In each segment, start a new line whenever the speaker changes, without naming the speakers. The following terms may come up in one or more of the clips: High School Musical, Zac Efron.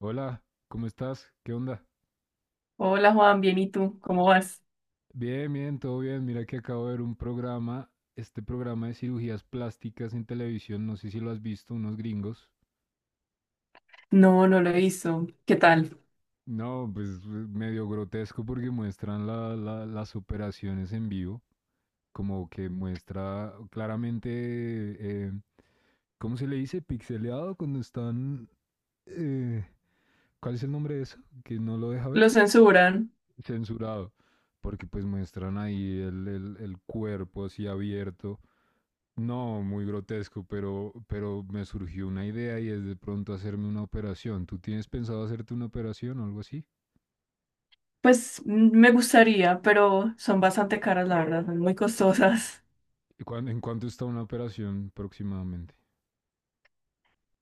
Hola, ¿cómo estás? ¿Qué onda?
Hola Juan, bien, ¿y tú? ¿Cómo vas?
Bien, bien, todo bien. Mira que acabo de ver un programa, este programa de cirugías plásticas en televisión, no sé si lo has visto, unos gringos.
No, no lo hizo. ¿Qué tal?
No, pues, medio grotesco porque muestran las operaciones en vivo, como que muestra claramente, eh, ¿cómo se le dice? Pixeleado cuando están... eh, ¿cuál es el nombre de eso? Que no lo deja ver.
¿Lo censuran?
Censurado, porque pues muestran ahí el cuerpo así abierto. No, muy grotesco, pero me surgió una idea y es de pronto hacerme una operación. ¿Tú tienes pensado hacerte una operación o algo así?
Pues me gustaría, pero son bastante caras, la verdad, son muy costosas.
¿Y en cuánto está una operación aproximadamente?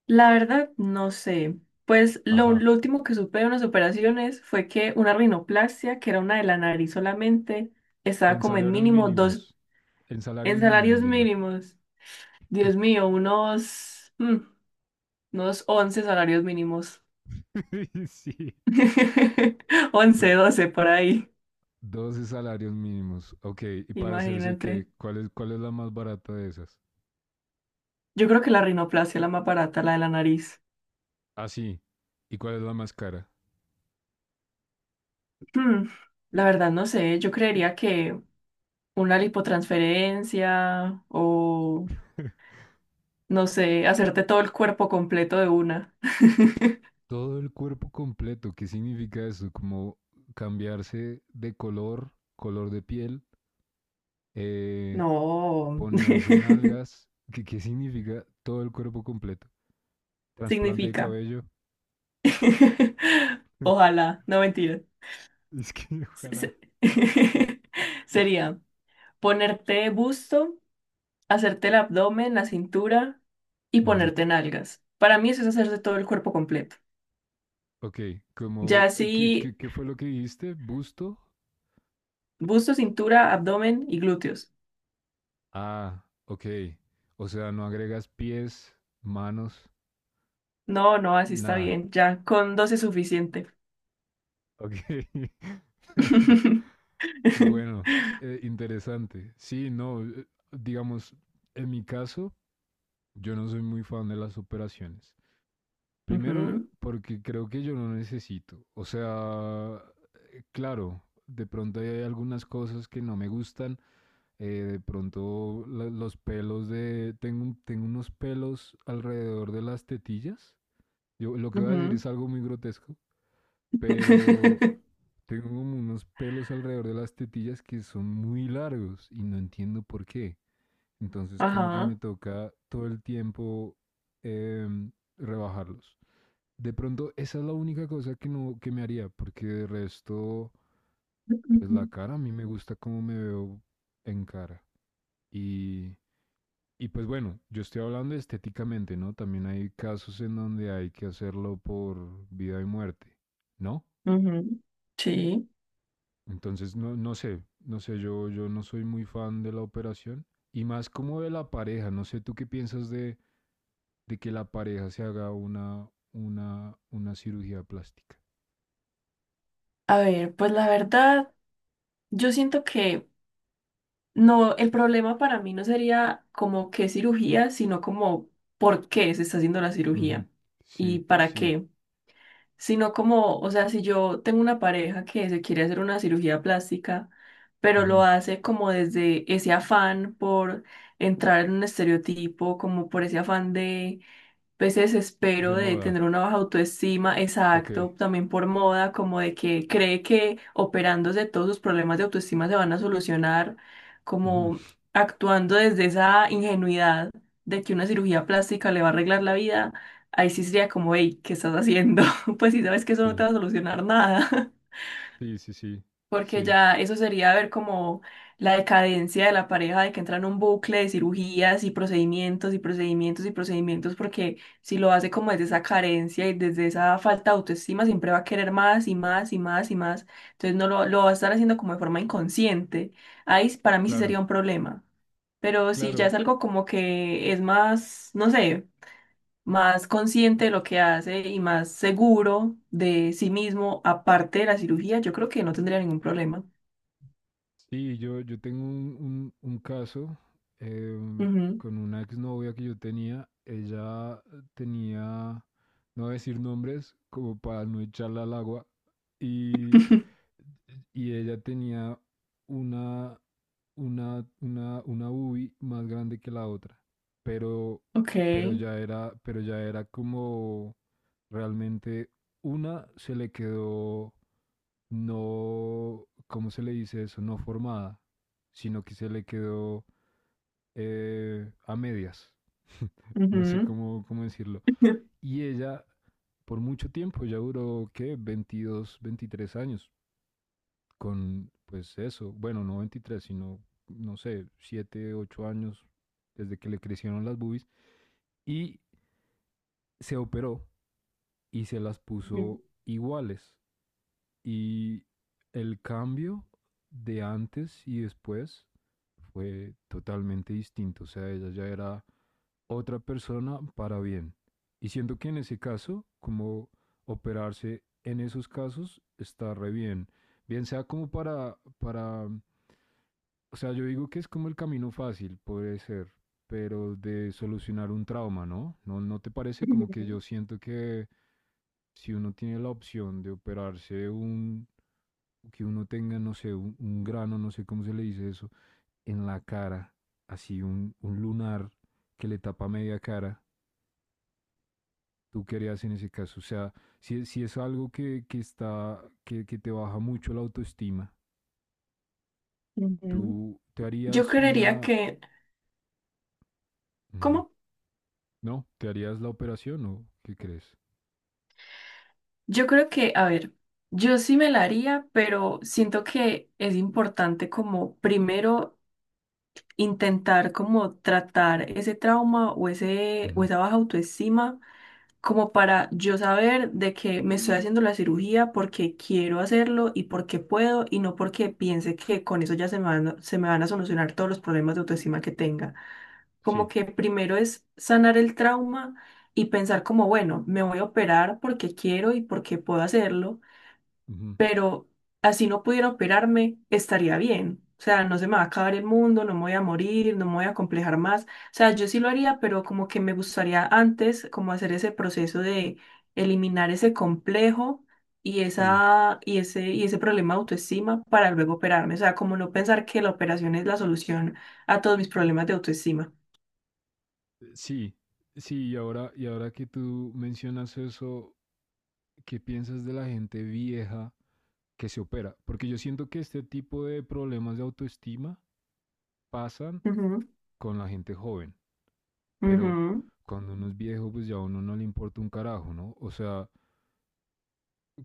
La verdad, no sé. Pues lo,
Ajá.
lo último que supe de unas operaciones fue que una rinoplastia, que era una de la nariz solamente, estaba
En
como en
salarios
mínimo 2,
mínimos. En salarios
en
mínimos,
salarios
dilo.
mínimos. Dios mío, unos, unos 11 salarios mínimos.
Sí.
11, 12 por ahí,
12 salarios mínimos. Ok, ¿y para hacerse
imagínate.
qué? ¿Cuál es la más barata de esas?
Yo creo que la rinoplastia es la más barata, la de la nariz.
Ah, sí. ¿Y cuál es la más cara?
Hmm, la verdad no sé, yo creería que una lipotransferencia o, no sé, hacerte todo el cuerpo completo de una.
Todo el cuerpo completo, ¿qué significa eso? Como cambiarse de color, color de piel, eh,
No,
ponerse nalgas, ¿qué significa todo el cuerpo completo? Trasplante de
significa.
cabello.
Ojalá, no mentira.
Es que
Se-
ojalá.
se- Sería ponerte busto, hacerte el abdomen, la cintura y
Ujú.
ponerte nalgas. Para mí eso es hacerte todo el cuerpo completo.
Ok,
Ya
como, ¿qué,
si
qué, qué fue lo que dijiste? ¿Busto?
busto, cintura, abdomen y glúteos.
Ah, ok. O sea, no agregas pies, manos,
No, no, así está
nada.
bien. Ya, con 2 es suficiente.
Ok. Bueno, interesante. Sí, no, digamos, en mi caso, yo no soy muy fan de las operaciones. Primero,
Ujú,
porque creo que yo no necesito. O sea, claro, de pronto hay algunas cosas que no me gustan. De pronto los pelos de... tengo unos pelos alrededor de las tetillas. Yo, lo que voy a decir
ujú.
es algo muy grotesco, pero. Tengo como unos pelos alrededor de las tetillas que son muy largos y no entiendo por qué. Entonces como que me
Ajá.
toca todo el tiempo em, rebajarlos. De pronto esa es la única cosa que no que me haría, porque de resto, pues la cara a mí me gusta cómo me veo en cara. Y, y pues bueno, yo estoy hablando estéticamente, ¿no? También hay casos en donde hay que hacerlo por vida y muerte, ¿no?
Ujú. Sí.
Entonces, no, yo no soy muy fan de la operación y más como de la pareja. No sé, ¿tú qué piensas de que la pareja se haga una cirugía plástica?
A ver, pues la verdad, yo siento que no, el problema para mí no sería como qué cirugía, sino como por qué se está haciendo la
Ujú,
cirugía y
sí,
para
sí.
qué. Sino como, o sea, si yo tengo una pareja que se quiere hacer una cirugía plástica, pero lo
Ujú,
hace como desde ese afán por entrar en un estereotipo, como por ese afán de pues, ese desespero
de
de
moda.
tener una baja autoestima,
Ok.
exacto, también por moda, como de que cree que operándose todos sus problemas de autoestima se van a solucionar,
Ujú,
como actuando desde esa ingenuidad de que una cirugía plástica le va a arreglar la vida, ahí sí sería como, hey, ¿qué estás haciendo? Pues si sabes que eso no te
sí,
va a solucionar nada.
sí, sí, sí.
Porque
Sí,
ya eso sería ver como la decadencia de la pareja, de que entra en un bucle de cirugías y procedimientos y procedimientos y procedimientos, porque si lo hace como desde esa carencia y desde esa falta de autoestima, siempre va a querer más y más y más y más. Entonces no lo va a estar haciendo como de forma inconsciente. Ahí para mí sí
claro.
sería un problema. Pero si ya es
Claro,
algo como que es más, no sé, más consciente de lo que hace y más seguro de sí mismo, aparte de la cirugía, yo creo que no tendría ningún problema.
sí, yo tengo un caso, em,
Ujú,
con una exnovia que yo tenía. Ella tenía, no voy a decir nombres, como para no echarla al agua. Y, y ella tenía una, una UBI más grande que la otra, pero,
ok.
pero ya era como realmente una se le quedó no, ¿cómo se le dice eso? No formada, sino que se le quedó a medias. No sé
Ujú,
cómo, decirlo. Y ella, por mucho tiempo, ya duró, ¿qué? 22 23 años con, pues eso, bueno, no 23 sino, no sé, 7 8 años desde que le crecieron las boobies y se operó y se las
ujú,
puso iguales. Y el cambio de antes y después fue totalmente distinto. O sea, ella ya era otra persona para bien. Y siento que en ese caso, como operarse en esos casos, está re bien. Bien sea como para o sea, yo digo que es como el camino fácil, puede ser, pero de solucionar un trauma, ¿no? ¿No te parece como que
ujú,
yo siento que si uno tiene la opción de operarse un, que uno tenga, no sé, un grano, no sé cómo se le dice eso, en la cara, así un lunar que le tapa media cara, tú querías en ese caso? O sea, si es algo que te baja mucho la autoestima,
ujú.
tú te
Yo
harías
creería
una,
que,
mm,
¿cómo?
¿no? ¿Te harías la operación o qué crees?
Yo creo que, a ver, yo sí me la haría, pero siento que es importante como primero intentar como tratar ese trauma o ese o
Ujú,
esa baja autoestima como para yo saber de que me estoy haciendo la cirugía porque quiero hacerlo y porque puedo y no porque piense que con eso ya se me van, se me van a solucionar todos los problemas de autoestima que tenga. Como
sí,
que primero es sanar el trauma y pensar como, bueno, me voy a operar porque quiero y porque puedo hacerlo,
ujú,
pero así no pudiera operarme, estaría bien. O sea, no se me va a acabar el mundo, no me voy a morir, no me voy a complejar más. O sea, yo sí lo haría, pero como que me gustaría antes como hacer ese proceso de eliminar ese complejo y
sí,
esa y ese problema de autoestima para luego operarme. O sea, como no pensar que la operación es la solución a todos mis problemas de autoestima.
sí, sí. Y ahora que tú mencionas eso, ¿qué piensas de la gente vieja que se opera? Porque yo siento que este tipo de problemas de autoestima pasan
Ujú.
con la gente joven, pero
Ujú.
cuando uno es viejo, pues ya a uno no le importa un carajo, ¿no? O sea,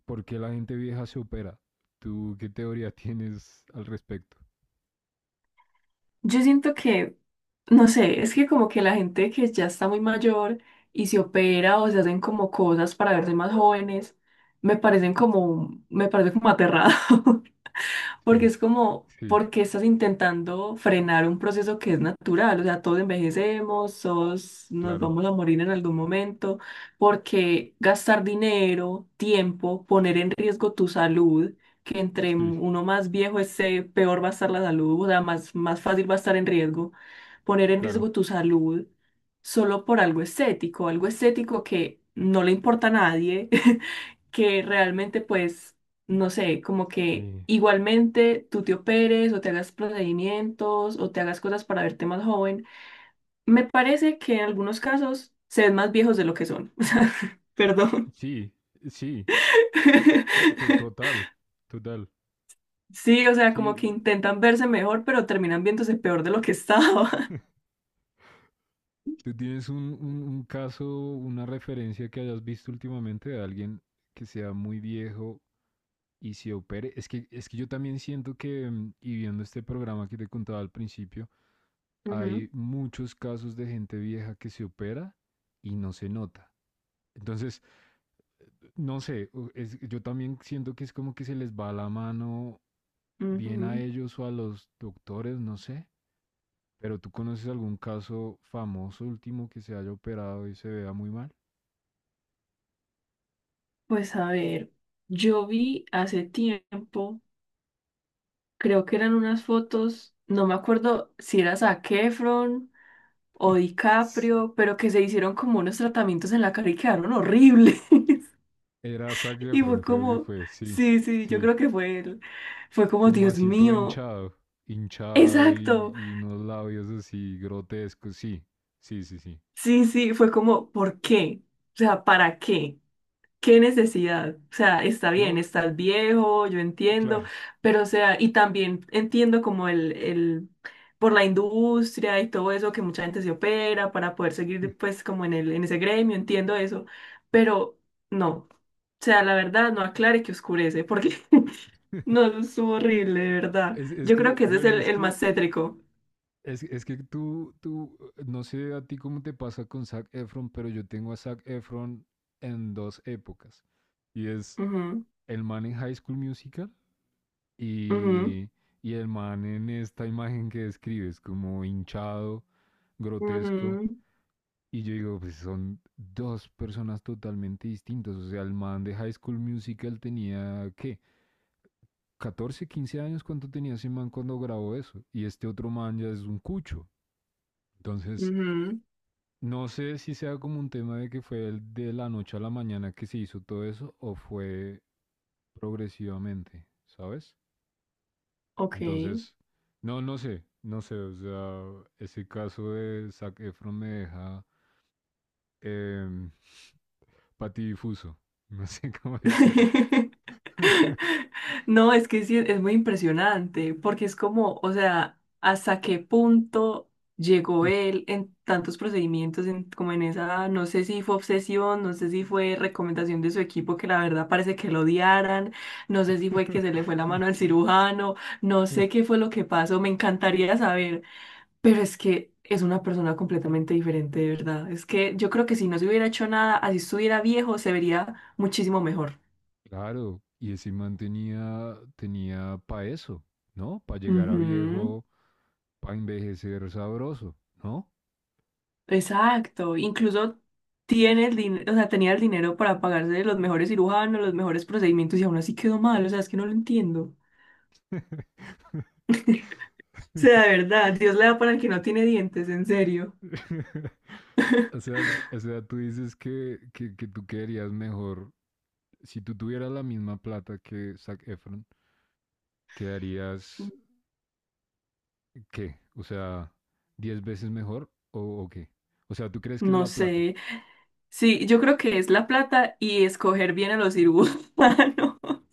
¿por qué la gente vieja se opera? ¿Tú qué teoría tienes al respecto?
Yo siento que, no sé, es que como que la gente que ya está muy mayor y se opera o se hacen como cosas para verse más jóvenes, me parecen como, me parece como aterrado. ¿Porque
Sí,
es como,
sí,
porque estás intentando frenar un proceso que es natural? O sea, todos envejecemos, todos nos
claro,
vamos a morir en algún momento. ¿Porque gastar dinero, tiempo, poner en riesgo tu salud? Que entre
sí,
uno más viejo esté, peor va a estar la salud, o sea, más, más fácil va a estar en riesgo, poner en
claro.
riesgo tu salud solo por algo estético que no le importa a nadie, que realmente pues no sé, como que
Sí,
igualmente tú te operes o te hagas procedimientos o te hagas cosas para verte más joven. Me parece que en algunos casos se ven más viejos de lo que son. Perdón.
sí, sí, total, total.
Sí, o sea,
Sí,
como que intentan verse mejor, pero terminan viéndose peor de lo que estaba.
tú tienes un caso, una referencia que hayas visto últimamente de alguien que sea muy viejo y se opere. Es que yo también siento que, y viendo este programa que te contaba al principio,
Ujú,
hay muchos casos de gente vieja que se opera y no se nota. Entonces, no sé, yo también siento que es como que se les va la mano bien a
ujú.
ellos o a los doctores, no sé. Pero ¿tú conoces algún caso famoso último que se haya operado y se vea muy mal?
Pues a ver, yo vi hace tiempo, creo que eran unas fotos, no me acuerdo si era Zac Efron o
Sí.
DiCaprio, pero que se hicieron como unos tratamientos en la cara y quedaron horribles.
Era Zac
Y fue
Efron, creo que
como,
fue, sí,
sí, sí, yo
sí.
creo que fue él. Fue como,
Como
Dios
así todo
mío,
hinchado, hinchado
exacto.
y unos labios así grotescos, sí, sí, sí, sí.
Sí, sí, fue como, ¿por qué? O sea, ¿para qué? ¿Qué necesidad? O sea, está bien,
No,
estás viejo, yo entiendo,
claro,
pero o sea, y también entiendo como por la industria y todo eso que mucha gente se opera para poder seguir pues como en el, en ese gremio, entiendo eso, pero no, o sea, la verdad no aclare que oscurece, porque no, eso estuvo horrible, de verdad.
es
Yo creo
que,
que ese es
bueno,
el más cétrico.
es que tú, no sé a ti cómo te pasa con Zac Efron, pero yo tengo a Zac Efron en dos épocas. Y es
Ujú,
el man en High School Musical.
ujú,
Y, y el man en esta imagen que describes, como hinchado, grotesco,
ujú,
y yo digo, pues son dos personas totalmente distintas. O sea, el man de High School Musical tenía, ¿qué? 14 15 años, ¿cuánto tenía ese man cuando grabó eso? Y este otro man ya es un cucho. Entonces,
ujú,
no sé si sea como un tema de que fue el de la noche a la mañana que se hizo todo eso o fue progresivamente, ¿sabes?
ok.
Entonces, no, o sea, ese caso de Zac Efron me deja, em, patidifuso, no sé cómo decirlo.
No, es que sí, es muy impresionante, porque es como, o sea, hasta qué punto llegó él en tantos procedimientos, como en esa, no sé si fue obsesión, no sé si fue recomendación de su equipo, que la verdad parece que lo odiaran, no sé si fue que se le fue la mano al cirujano, no sé qué fue lo que pasó, me encantaría saber, pero es que es una persona completamente diferente, de verdad. Es que yo creo que si no se hubiera hecho nada, así estuviera viejo, se vería muchísimo mejor.
Claro, y ese man tenía, para eso, ¿no? Para llegar a
Ujú.
viejo, para envejecer sabroso, ¿no?
Exacto, incluso tiene el dinero, o sea, tenía el dinero para pagarse los mejores cirujanos, los mejores procedimientos y aún así quedó mal, o sea, es que no lo entiendo. O sea, de verdad, Dios le da para el que no tiene dientes, en serio.
O sea, o sea, tú dices que, tú quedarías mejor, si tú tuvieras la misma plata que Zac Efron, quedarías ¿qué? O sea, 10 veces mejor o qué? O sea, ¿tú crees que es
No
la plata?
sé. Sí, yo creo que es la plata y escoger bien a los cirujanos.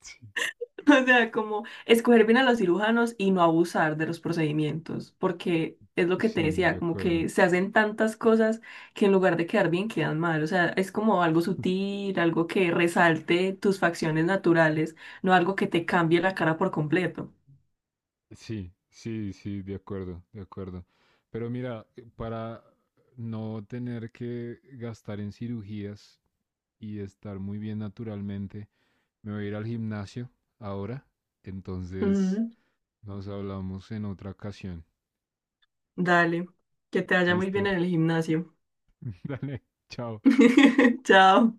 Sí.
O sea, como escoger bien a los cirujanos y no abusar de los procedimientos, porque es lo que te
Sí, de
decía, como
acuerdo.
que se hacen tantas cosas que en lugar de quedar bien, quedan mal. O sea, es como algo sutil, algo que resalte tus facciones naturales, no algo que te cambie la cara por completo.
Sí, sí, sí, de acuerdo, de acuerdo. Pero mira, para no tener que gastar en cirugías y estar muy bien naturalmente, me voy a ir al gimnasio ahora. Entonces,
Mm,
nos hablamos en otra ocasión.
dale, que te vaya muy bien
Listo.
en el gimnasio.
Dale, chao.
Chao.